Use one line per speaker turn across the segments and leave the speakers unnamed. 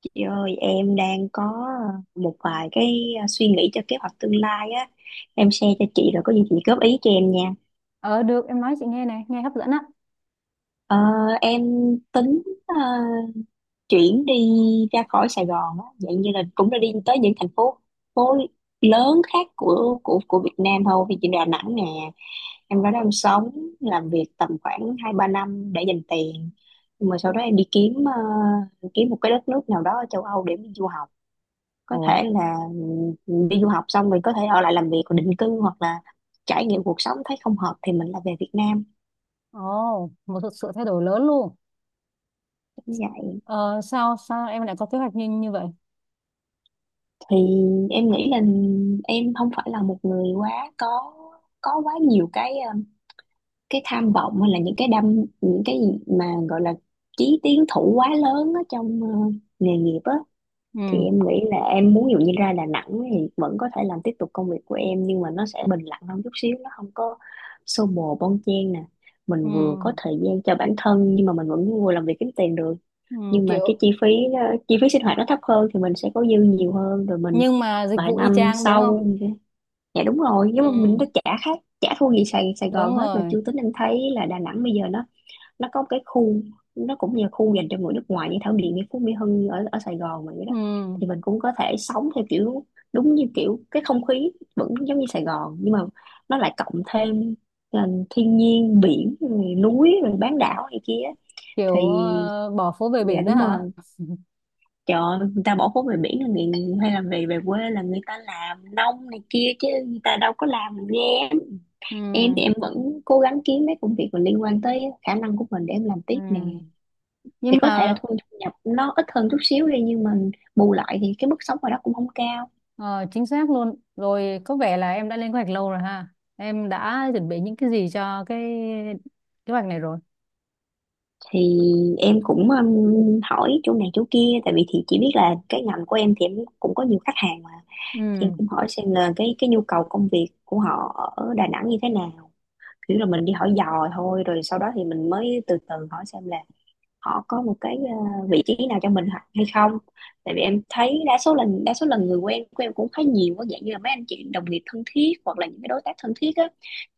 Chị ơi, em đang có một vài cái suy nghĩ cho kế hoạch tương lai á. Em share cho chị rồi có gì chị góp ý cho em nha.
Ờ Được, em nói chị nghe. Này nghe hấp dẫn á.
Ờ, em tính chuyển đi ra khỏi Sài Gòn á, dạng như là cũng đã đi tới những thành phố phố lớn khác của Việt Nam thôi. Vì chị là Đà Nẵng nè, em ra đó em sống, làm việc tầm khoảng 2-3 năm để dành tiền. Nhưng mà sau đó em đi kiếm kiếm một cái đất nước nào đó ở châu Âu để mình du học, có
Ồ.
thể là mình đi du học xong mình có thể ở lại làm việc và định cư, hoặc là trải nghiệm cuộc sống thấy không hợp thì mình lại về Việt Nam
Ồ, một sự thay đổi lớn luôn.
cũng vậy.
Ờ, sao sao em lại có kế hoạch như như vậy?
Thì em nghĩ là em không phải là một người quá có quá nhiều cái tham vọng hay là những cái gì mà gọi là chí tiến thủ quá lớn ở trong nghề nghiệp á. Thì
Ừ,
em nghĩ là em muốn, ví dụ như ra Đà Nẵng thì vẫn có thể làm tiếp tục công việc của em, nhưng mà nó sẽ bình lặng hơn chút xíu, nó không có xô bồ bon chen nè.
ừ,
Mình vừa có thời gian cho bản thân nhưng mà mình vẫn vừa làm việc kiếm tiền được,
ừ.
nhưng mà cái
Kiểu
chi phí chi phí sinh hoạt nó thấp hơn, thì mình sẽ có dư nhiều hơn rồi mình
nhưng mà dịch
vài
vụ y
năm
chang đúng không?
sau, dạ đúng rồi, nhưng mà mình
Ừ,
đã trả khác trả thua gì Sài Sài Gòn
đúng
hết mà.
rồi.
Chưa tính em thấy là Đà Nẵng bây giờ nó có một cái khu, nó cũng như khu dành cho người nước ngoài như Thảo Điền, như Phú Mỹ Hưng, như ở ở Sài Gòn mà vậy đó.
Ừ.
Thì mình cũng có thể sống theo kiểu đúng như kiểu cái không khí vẫn giống như Sài Gòn, nhưng mà nó lại cộng thêm ờ, thiên nhiên biển rồi núi rồi bán đảo này kia
Kiểu
thì,
bỏ phố về
dạ
biển đó
đúng
hả?
rồi. Trời ơi, người ta bỏ phố về biển là người, hay là về về quê là người ta làm nông này kia, chứ người ta đâu có làm nghe. Em
Ừ,
thì em vẫn cố gắng kiếm mấy công việc mà liên quan tới khả năng của mình để em làm
ừ.
tiếp nè. Thì
Nhưng
có thể là
mà
thu thu nhập nó ít hơn chút xíu đi, nhưng mà bù lại thì cái mức sống ở đó cũng không cao.
ờ, chính xác luôn rồi, có vẻ là em đã lên kế hoạch lâu rồi ha. Em đã chuẩn bị những cái gì cho cái kế hoạch này rồi?
Thì em cũng hỏi chỗ này chỗ kia, tại vì thì chỉ biết là cái ngành của em thì em cũng có nhiều khách hàng mà, thì em
Ừ.
cũng hỏi xem là cái nhu cầu công việc của họ ở Đà Nẵng như thế nào. Kiểu là mình đi hỏi dò thôi, rồi sau đó thì mình mới từ từ hỏi xem là họ có một cái vị trí nào cho mình hay không. Tại vì em thấy đa số lần người quen của em cũng khá nhiều, có dạng như là mấy anh chị đồng nghiệp thân thiết hoặc là những cái đối tác thân thiết á,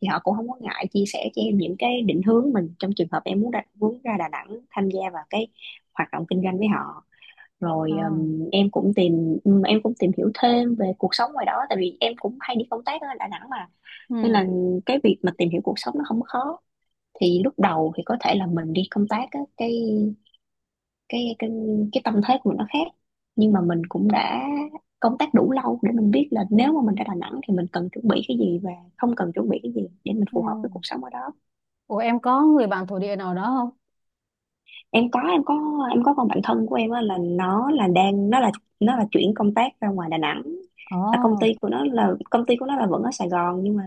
thì họ cũng không có ngại chia sẻ cho em những cái định hướng mình trong trường hợp em muốn ra Đà Nẵng tham gia vào cái hoạt động kinh doanh với họ.
Ờ,
Rồi em cũng tìm hiểu thêm về cuộc sống ngoài đó, tại vì em cũng hay đi công tác ở Đà Nẵng mà, nên
ừ,
là cái việc mà tìm hiểu cuộc sống nó không có khó. Thì lúc đầu thì có thể là mình đi công tác á, cái cái cái tâm thế của mình nó khác, nhưng mà mình cũng đã công tác đủ lâu để mình biết là nếu mà mình ra Đà Nẵng thì mình cần chuẩn bị cái gì và không cần chuẩn bị cái gì để mình phù hợp với cuộc
ừ.
sống ở đó.
Ủa em có người bạn thổ địa nào đó không?
Em có em có em có con bạn thân của em á, là nó là đang nó là chuyển công tác ra ngoài Đà Nẵng. Là công ty của nó là công ty của nó là vẫn ở Sài Gòn nhưng mà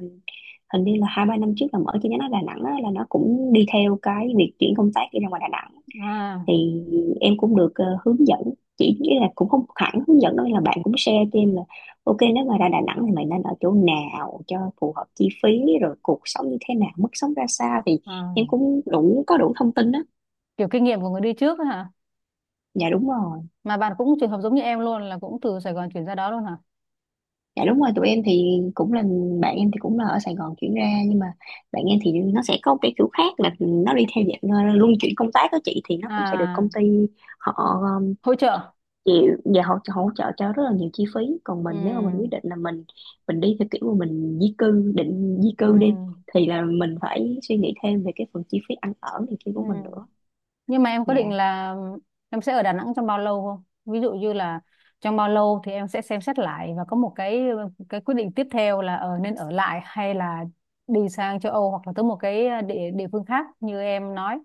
hình như là 2-3 năm trước là mở chi nhánh ở Đà Nẵng á, là nó cũng đi theo cái việc chuyển công tác đi ra ngoài Đà Nẵng.
Ồ, à,
Thì em cũng được hướng dẫn, chỉ nghĩa là cũng không hẳn hướng dẫn đâu, là bạn cũng share cho em là ok nếu mà ra Đà Nẵng thì mày nên ở chỗ nào cho phù hợp chi phí, rồi cuộc sống như thế nào, mức sống ra sao, thì
à,
em cũng có đủ thông tin đó.
kiểu kinh nghiệm của người đi trước ấy hả?
Dạ đúng rồi,
Mà bạn cũng trường hợp giống như em luôn, là cũng từ Sài Gòn chuyển ra đó luôn hả?
dạ đúng rồi. Tụi em thì cũng là, bạn em thì cũng là ở Sài Gòn chuyển ra, nhưng mà bạn em thì nó sẽ có một cái kiểu khác, là nó đi theo dạng luân chuyển công tác đó chị, thì nó cũng sẽ được
À,
công ty họ
hỗ trợ.
chịu và hỗ trợ cho rất là nhiều chi phí. Còn
Ừ,
mình, nếu mà mình quyết định là mình đi theo kiểu mà mình di cư định di
ừ,
cư đi, thì là mình phải suy nghĩ thêm về cái phần chi phí ăn ở này kia
ừ.
của mình nữa.
Nhưng mà em
Dạ,
có định là em sẽ ở Đà Nẵng trong bao lâu không? Ví dụ như là trong bao lâu thì em sẽ xem xét lại và có một cái quyết định tiếp theo là ở, nên ở lại hay là đi sang châu Âu hoặc là tới một cái địa địa phương khác như em nói.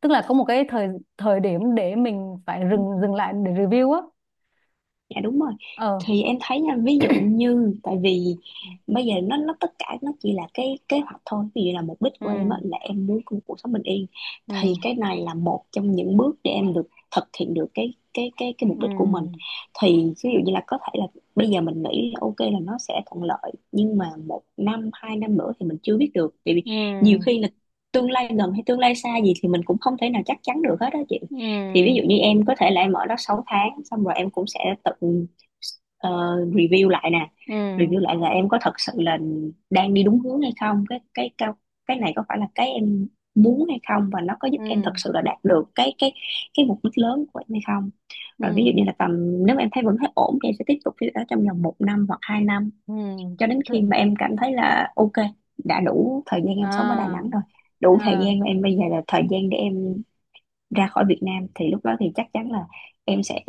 Tức là có một cái thời thời điểm để mình phải dừng dừng lại để review á.
dạ đúng rồi.
Ờ.
Thì em thấy nha, ví dụ như tại vì bây giờ nó tất cả nó chỉ là cái kế hoạch thôi. Ví dụ là mục đích của em
Ừ.
á, là em muốn có một cuộc sống bình yên,
Ừ.
thì cái này là một trong những bước để em được thực hiện được cái mục đích của mình.
Ừ.
Thì ví dụ như là có thể là bây giờ mình nghĩ là ok là nó sẽ thuận lợi, nhưng mà 1-2 năm nữa thì mình chưa biết được, vì
Ừ.
nhiều khi là tương lai gần hay tương lai xa gì thì mình cũng không thể nào chắc chắn được hết đó chị. Thì ví dụ
Ừ.
như em có thể là em ở đó 6 tháng, xong rồi em cũng sẽ tự ờ, review lại nè.
Ừ.
Review lại là em có thật sự là đang đi đúng hướng hay không, cái cái này có phải là cái em muốn hay không, và nó có giúp
Ừ.
em thật sự là đạt được cái cái mục đích lớn của em hay không. Rồi ví dụ
Ừ.
như là tầm, nếu mà em thấy vẫn thấy ổn thì em sẽ tiếp tục cái đó trong vòng 1 năm hoặc 2 năm,
Ừ.
cho đến khi
Thử-
mà em cảm thấy là ok, đã đủ thời gian em sống ở Đà
À.
Nẵng rồi, đủ thời
À.
gian mà em bây giờ là thời gian để em ra khỏi Việt Nam, thì lúc đó thì chắc chắn là em sẽ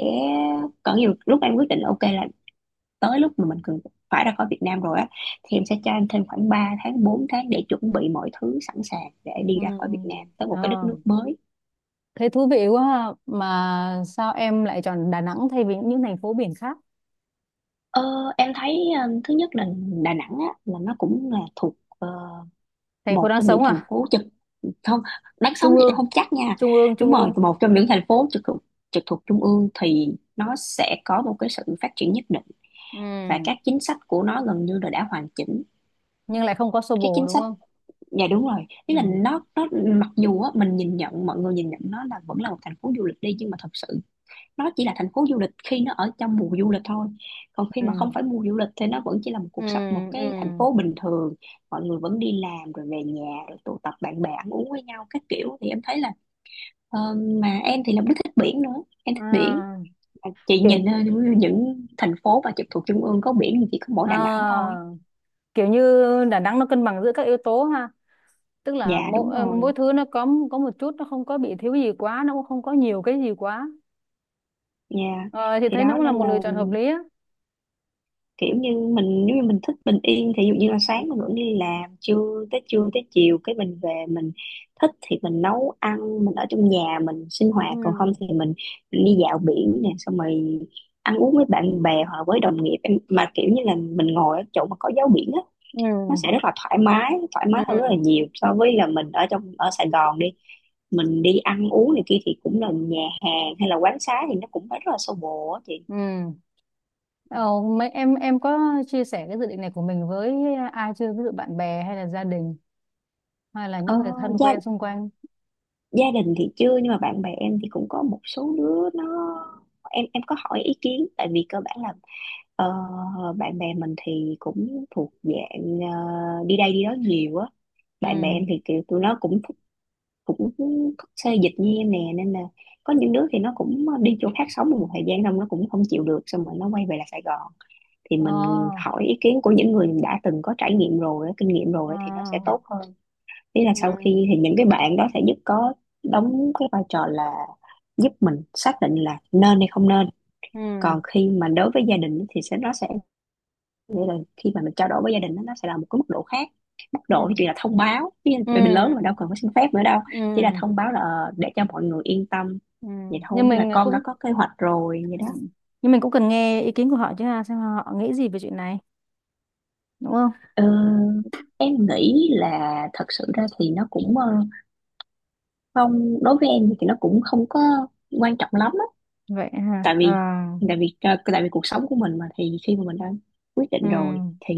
có nhiều lúc em quyết định ok là tới lúc mà mình cần phải ra khỏi Việt Nam rồi á, thì em sẽ cho anh thêm khoảng 3-4 tháng để chuẩn bị mọi thứ sẵn sàng để đi
Ừ.
ra khỏi Việt Nam tới một cái đất
Ờ,
nước mới.
thấy thú vị quá ha. Mà sao em lại chọn Đà Nẵng thay vì những thành phố biển khác?
Ờ, em thấy thứ nhất là Đà Nẵng á là nó cũng là thuộc ờ,
Thành phố
một
đang
trong những
sống
thành
à?
phố trực. Không, đáng sống
Trung
thì em
ương,
không chắc nha. Đúng
trung
rồi,
ương.
một trong những thành phố trực thuộc trung ương thì nó sẽ có một cái sự phát triển nhất định, và
Ừ.
các chính sách của nó gần như là đã hoàn chỉnh
Nhưng lại không có xô
các
bồ
chính
đúng
sách.
không?
Dạ đúng rồi, ý là
Ừ.
nó mặc dù á, mình nhìn nhận mọi người nhìn nhận nó là vẫn là một thành phố du lịch đi, nhưng mà thật sự nó chỉ là thành phố du lịch khi nó ở trong mùa du lịch thôi, còn khi
Ừ.
mà không phải mùa du lịch thì nó vẫn chỉ là một
Ừ.
cuộc sống một cái thành
Ừ.
phố bình thường. Mọi người vẫn đi làm rồi về nhà rồi tụ tập bạn bè ăn uống với nhau các kiểu, thì em thấy là ờ, mà em thì là cũng thích biển nữa, em thích biển.
À,
Chị
kiểu,
nhìn những thành phố mà trực thuộc trung ương có biển thì chỉ có mỗi Đà Nẵng thôi.
à, kiểu như Đà Nẵng nó cân bằng giữa các yếu tố ha. Tức là
Dạ đúng
mỗi,
rồi.
mỗi thứ nó có một chút, nó không có bị thiếu gì quá, nó cũng không có nhiều cái gì quá.
Dạ.
Ờ, thì
Thì
thấy nó
đó
cũng là
nên
một
là
lựa chọn hợp lý á.
kiểu như mình nếu như mình thích bình yên thì ví dụ như là sáng mình vẫn đi làm, trưa tới chiều cái mình về mình thích thì mình nấu ăn, mình ở trong nhà mình sinh
Ừ.
hoạt, còn không thì mình đi dạo biển nè, xong rồi ăn uống với bạn bè hoặc là với đồng nghiệp. Em mà kiểu như là mình ngồi ở chỗ mà có gió biển á,
Ừ.
nó sẽ rất là thoải
Ừ.
mái hơn rất là
Ừ.
nhiều so với là mình ở trong ở Sài Gòn đi. Mình đi ăn uống này kia thì cũng là nhà hàng hay là quán xá thì nó cũng phải rất là xô bồ á chị.
Ừ. Ờ, mấy em có chia sẻ cái dự định này của mình với ai chưa? Ví dụ bạn bè hay là gia đình hay là
Ờ,
những người thân
gia
quen xung quanh?
gia đình thì chưa, nhưng mà bạn bè em thì cũng có một số đứa nó, em có hỏi ý kiến, tại vì cơ bản là ờ, bạn bè mình thì cũng thuộc dạng, đi đây đi đó nhiều á.
Ừ.
Bạn bè em thì kiểu tụi nó cũng thích xê dịch như em nè, nên là có những đứa thì nó cũng đi chỗ khác sống một thời gian, xong nó cũng không chịu được, xong rồi nó quay về là Sài Gòn. Thì mình
Ờ,
hỏi ý kiến của những người đã từng có trải nghiệm rồi á, kinh nghiệm rồi á, thì nó sẽ
ờ,
tốt hơn. Ý là sau
ừ,
khi thì những cái bạn đó sẽ giúp có đóng cái vai trò là giúp mình xác định là nên hay không nên.
ừ,
Còn khi mà đối với gia đình thì sẽ nó sẽ, nghĩa là khi mà mình trao đổi với gia đình đó, nó sẽ là một cái mức độ khác. Mức
ừ,
độ thì chỉ là thông báo, ví
ừ,
vì mình lớn rồi đâu cần phải xin phép nữa đâu, chỉ là
ừ.
thông báo là, để cho mọi người yên tâm
Ừ.
vậy thôi,
Nhưng
như là
mình
con đã
cũng
có kế hoạch rồi vậy
ừ,
đó.
nhưng mình cũng cần nghe ý kiến của họ chứ ha, xem họ nghĩ gì về chuyện này, đúng không?
Ừ, em nghĩ là thật sự ra thì nó cũng, không, đối với em thì nó cũng không có quan trọng lắm á.
Vậy hả?
tại
Ờ,
vì tại vì cuộc sống của mình mà, thì khi mà mình đã quyết
ừ,
định rồi thì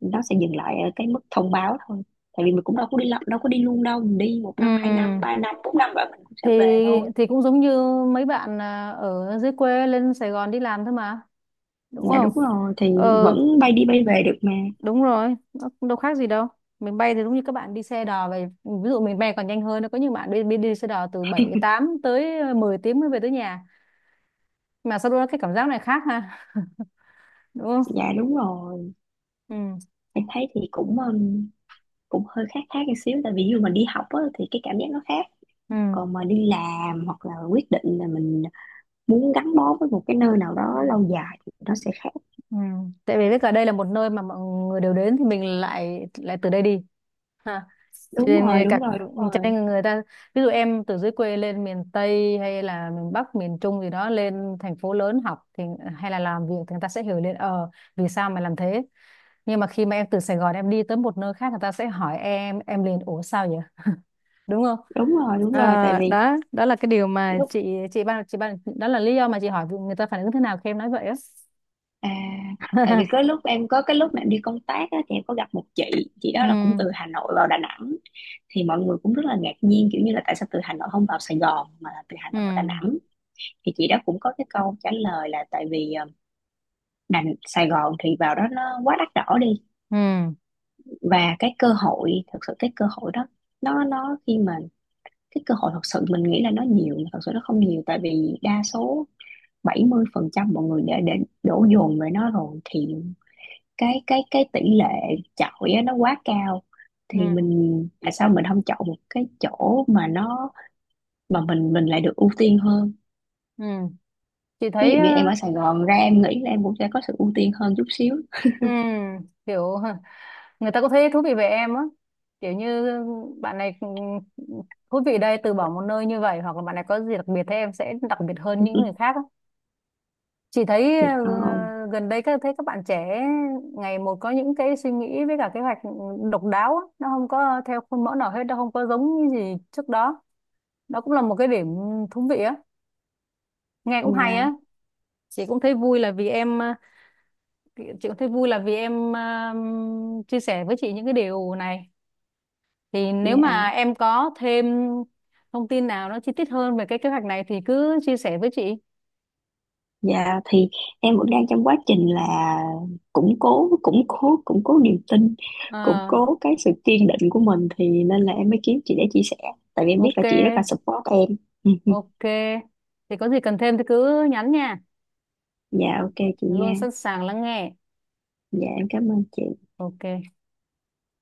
nó sẽ dừng lại ở cái mức thông báo thôi. Tại vì mình cũng đâu có đâu có đi luôn đâu, mình đi một
ừ.
năm hai năm ba năm bốn năm rồi mình cũng sẽ
Thì
về thôi.
cũng giống như mấy bạn ở dưới quê lên Sài Gòn đi làm thôi mà, đúng
Dạ
không?
đúng rồi, thì
Ừ
vẫn bay đi bay về được mà.
đúng rồi, nó cũng đâu khác gì đâu. Mình bay thì đúng như các bạn đi xe đò về, ví dụ mình bay còn nhanh hơn. Có những bạn đi xe đò từ 7 8 tới mười tiếng mới về tới nhà, mà sau đó cái cảm giác này khác ha. Đúng không?
Dạ đúng rồi,
Ừ.
em thấy thì cũng cũng hơi khác khác một xíu, tại vì dù mình đi học á, thì cái cảm giác nó khác,
Ừ.
còn mà đi làm hoặc là quyết định là mình muốn gắn bó với một cái nơi nào
Ừ.
đó lâu dài thì nó sẽ khác.
Ừ. Tại vì biết cả đây là một nơi mà mọi người đều đến thì mình lại lại từ đây đi ha. Cho
Đúng rồi,
nên
đúng rồi, đúng rồi.
người ta, ví dụ em từ dưới quê lên miền Tây hay là miền Bắc miền Trung gì đó lên thành phố lớn học thì hay là làm việc thì người ta sẽ hiểu lên ờ vì sao mà làm thế. Nhưng mà khi mà em từ Sài Gòn em đi tới một nơi khác người ta sẽ hỏi em liền, ủa sao vậy, đúng không?
Đúng rồi, đúng rồi. Tại
À,
vì
đó đó là cái điều mà
lúc,
chị ban đó là lý do mà chị hỏi người ta phản ứng thế nào khi em nói vậy á.
à, tại vì có lúc em có cái lúc mà em đi công tác á, thì em có gặp một chị
Ừ,
đó là cũng từ Hà Nội vào Đà Nẵng. Thì mọi người cũng rất là ngạc nhiên, kiểu như là tại sao từ Hà Nội không vào Sài Gòn mà là từ Hà
ừ,
Nội vào Đà Nẵng. Thì chị đó cũng có cái câu trả lời là tại vì, Đà Sài Gòn thì vào đó nó quá đắt đỏ đi,
ừ,
và cái cơ hội thật sự, cái cơ hội đó nó khi mà cái cơ hội thật sự mình nghĩ là nó nhiều mà thật sự nó không nhiều, tại vì đa số 70% mọi người đã đổ dồn về nó rồi, thì cái tỷ lệ chọi á, nó quá cao. Thì
ừ,
mình tại sao mình không chọn một cái chỗ mà nó, mà mình lại được ưu tiên hơn.
ừ. Chị
Ví
thấy
dụ
ờ,
như em ở Sài Gòn ra em nghĩ là em cũng sẽ có sự ưu tiên hơn chút xíu.
ừ. Kiểu hả, người ta có thấy thú vị về em á. Kiểu như bạn này thú vị đây từ bỏ một nơi như vậy, hoặc là bạn này có gì đặc biệt thế, em sẽ đặc biệt hơn những người khác á. Chị thấy
Thì không.
gần đây các thấy các bạn trẻ ngày một có những cái suy nghĩ với cả kế hoạch độc đáo á, nó không có theo khuôn mẫu nào hết, nó không có giống như gì trước đó. Đó cũng là một cái điểm thú vị á, nghe cũng hay
Dạ,
á. Chị cũng thấy vui là vì em ờ, chị cũng thấy vui là vì em chia sẻ với chị những cái điều này. Thì nếu mà
dạ,
em có thêm thông tin nào nó chi tiết hơn về cái kế hoạch này thì cứ chia sẻ với chị.
dạ. Thì em vẫn đang trong quá trình là củng cố củng cố niềm tin, củng
Ờ,
cố cái sự kiên định của mình, thì nên là em mới kiếm chị để chia sẻ, tại vì em biết
ok,
là chị rất là support em.
ok. Thì có gì cần thêm thì cứ nhắn nha.
Dạ ok chị
Luôn
nha.
sẵn sàng lắng nghe.
Dạ em cảm ơn chị.
Ok.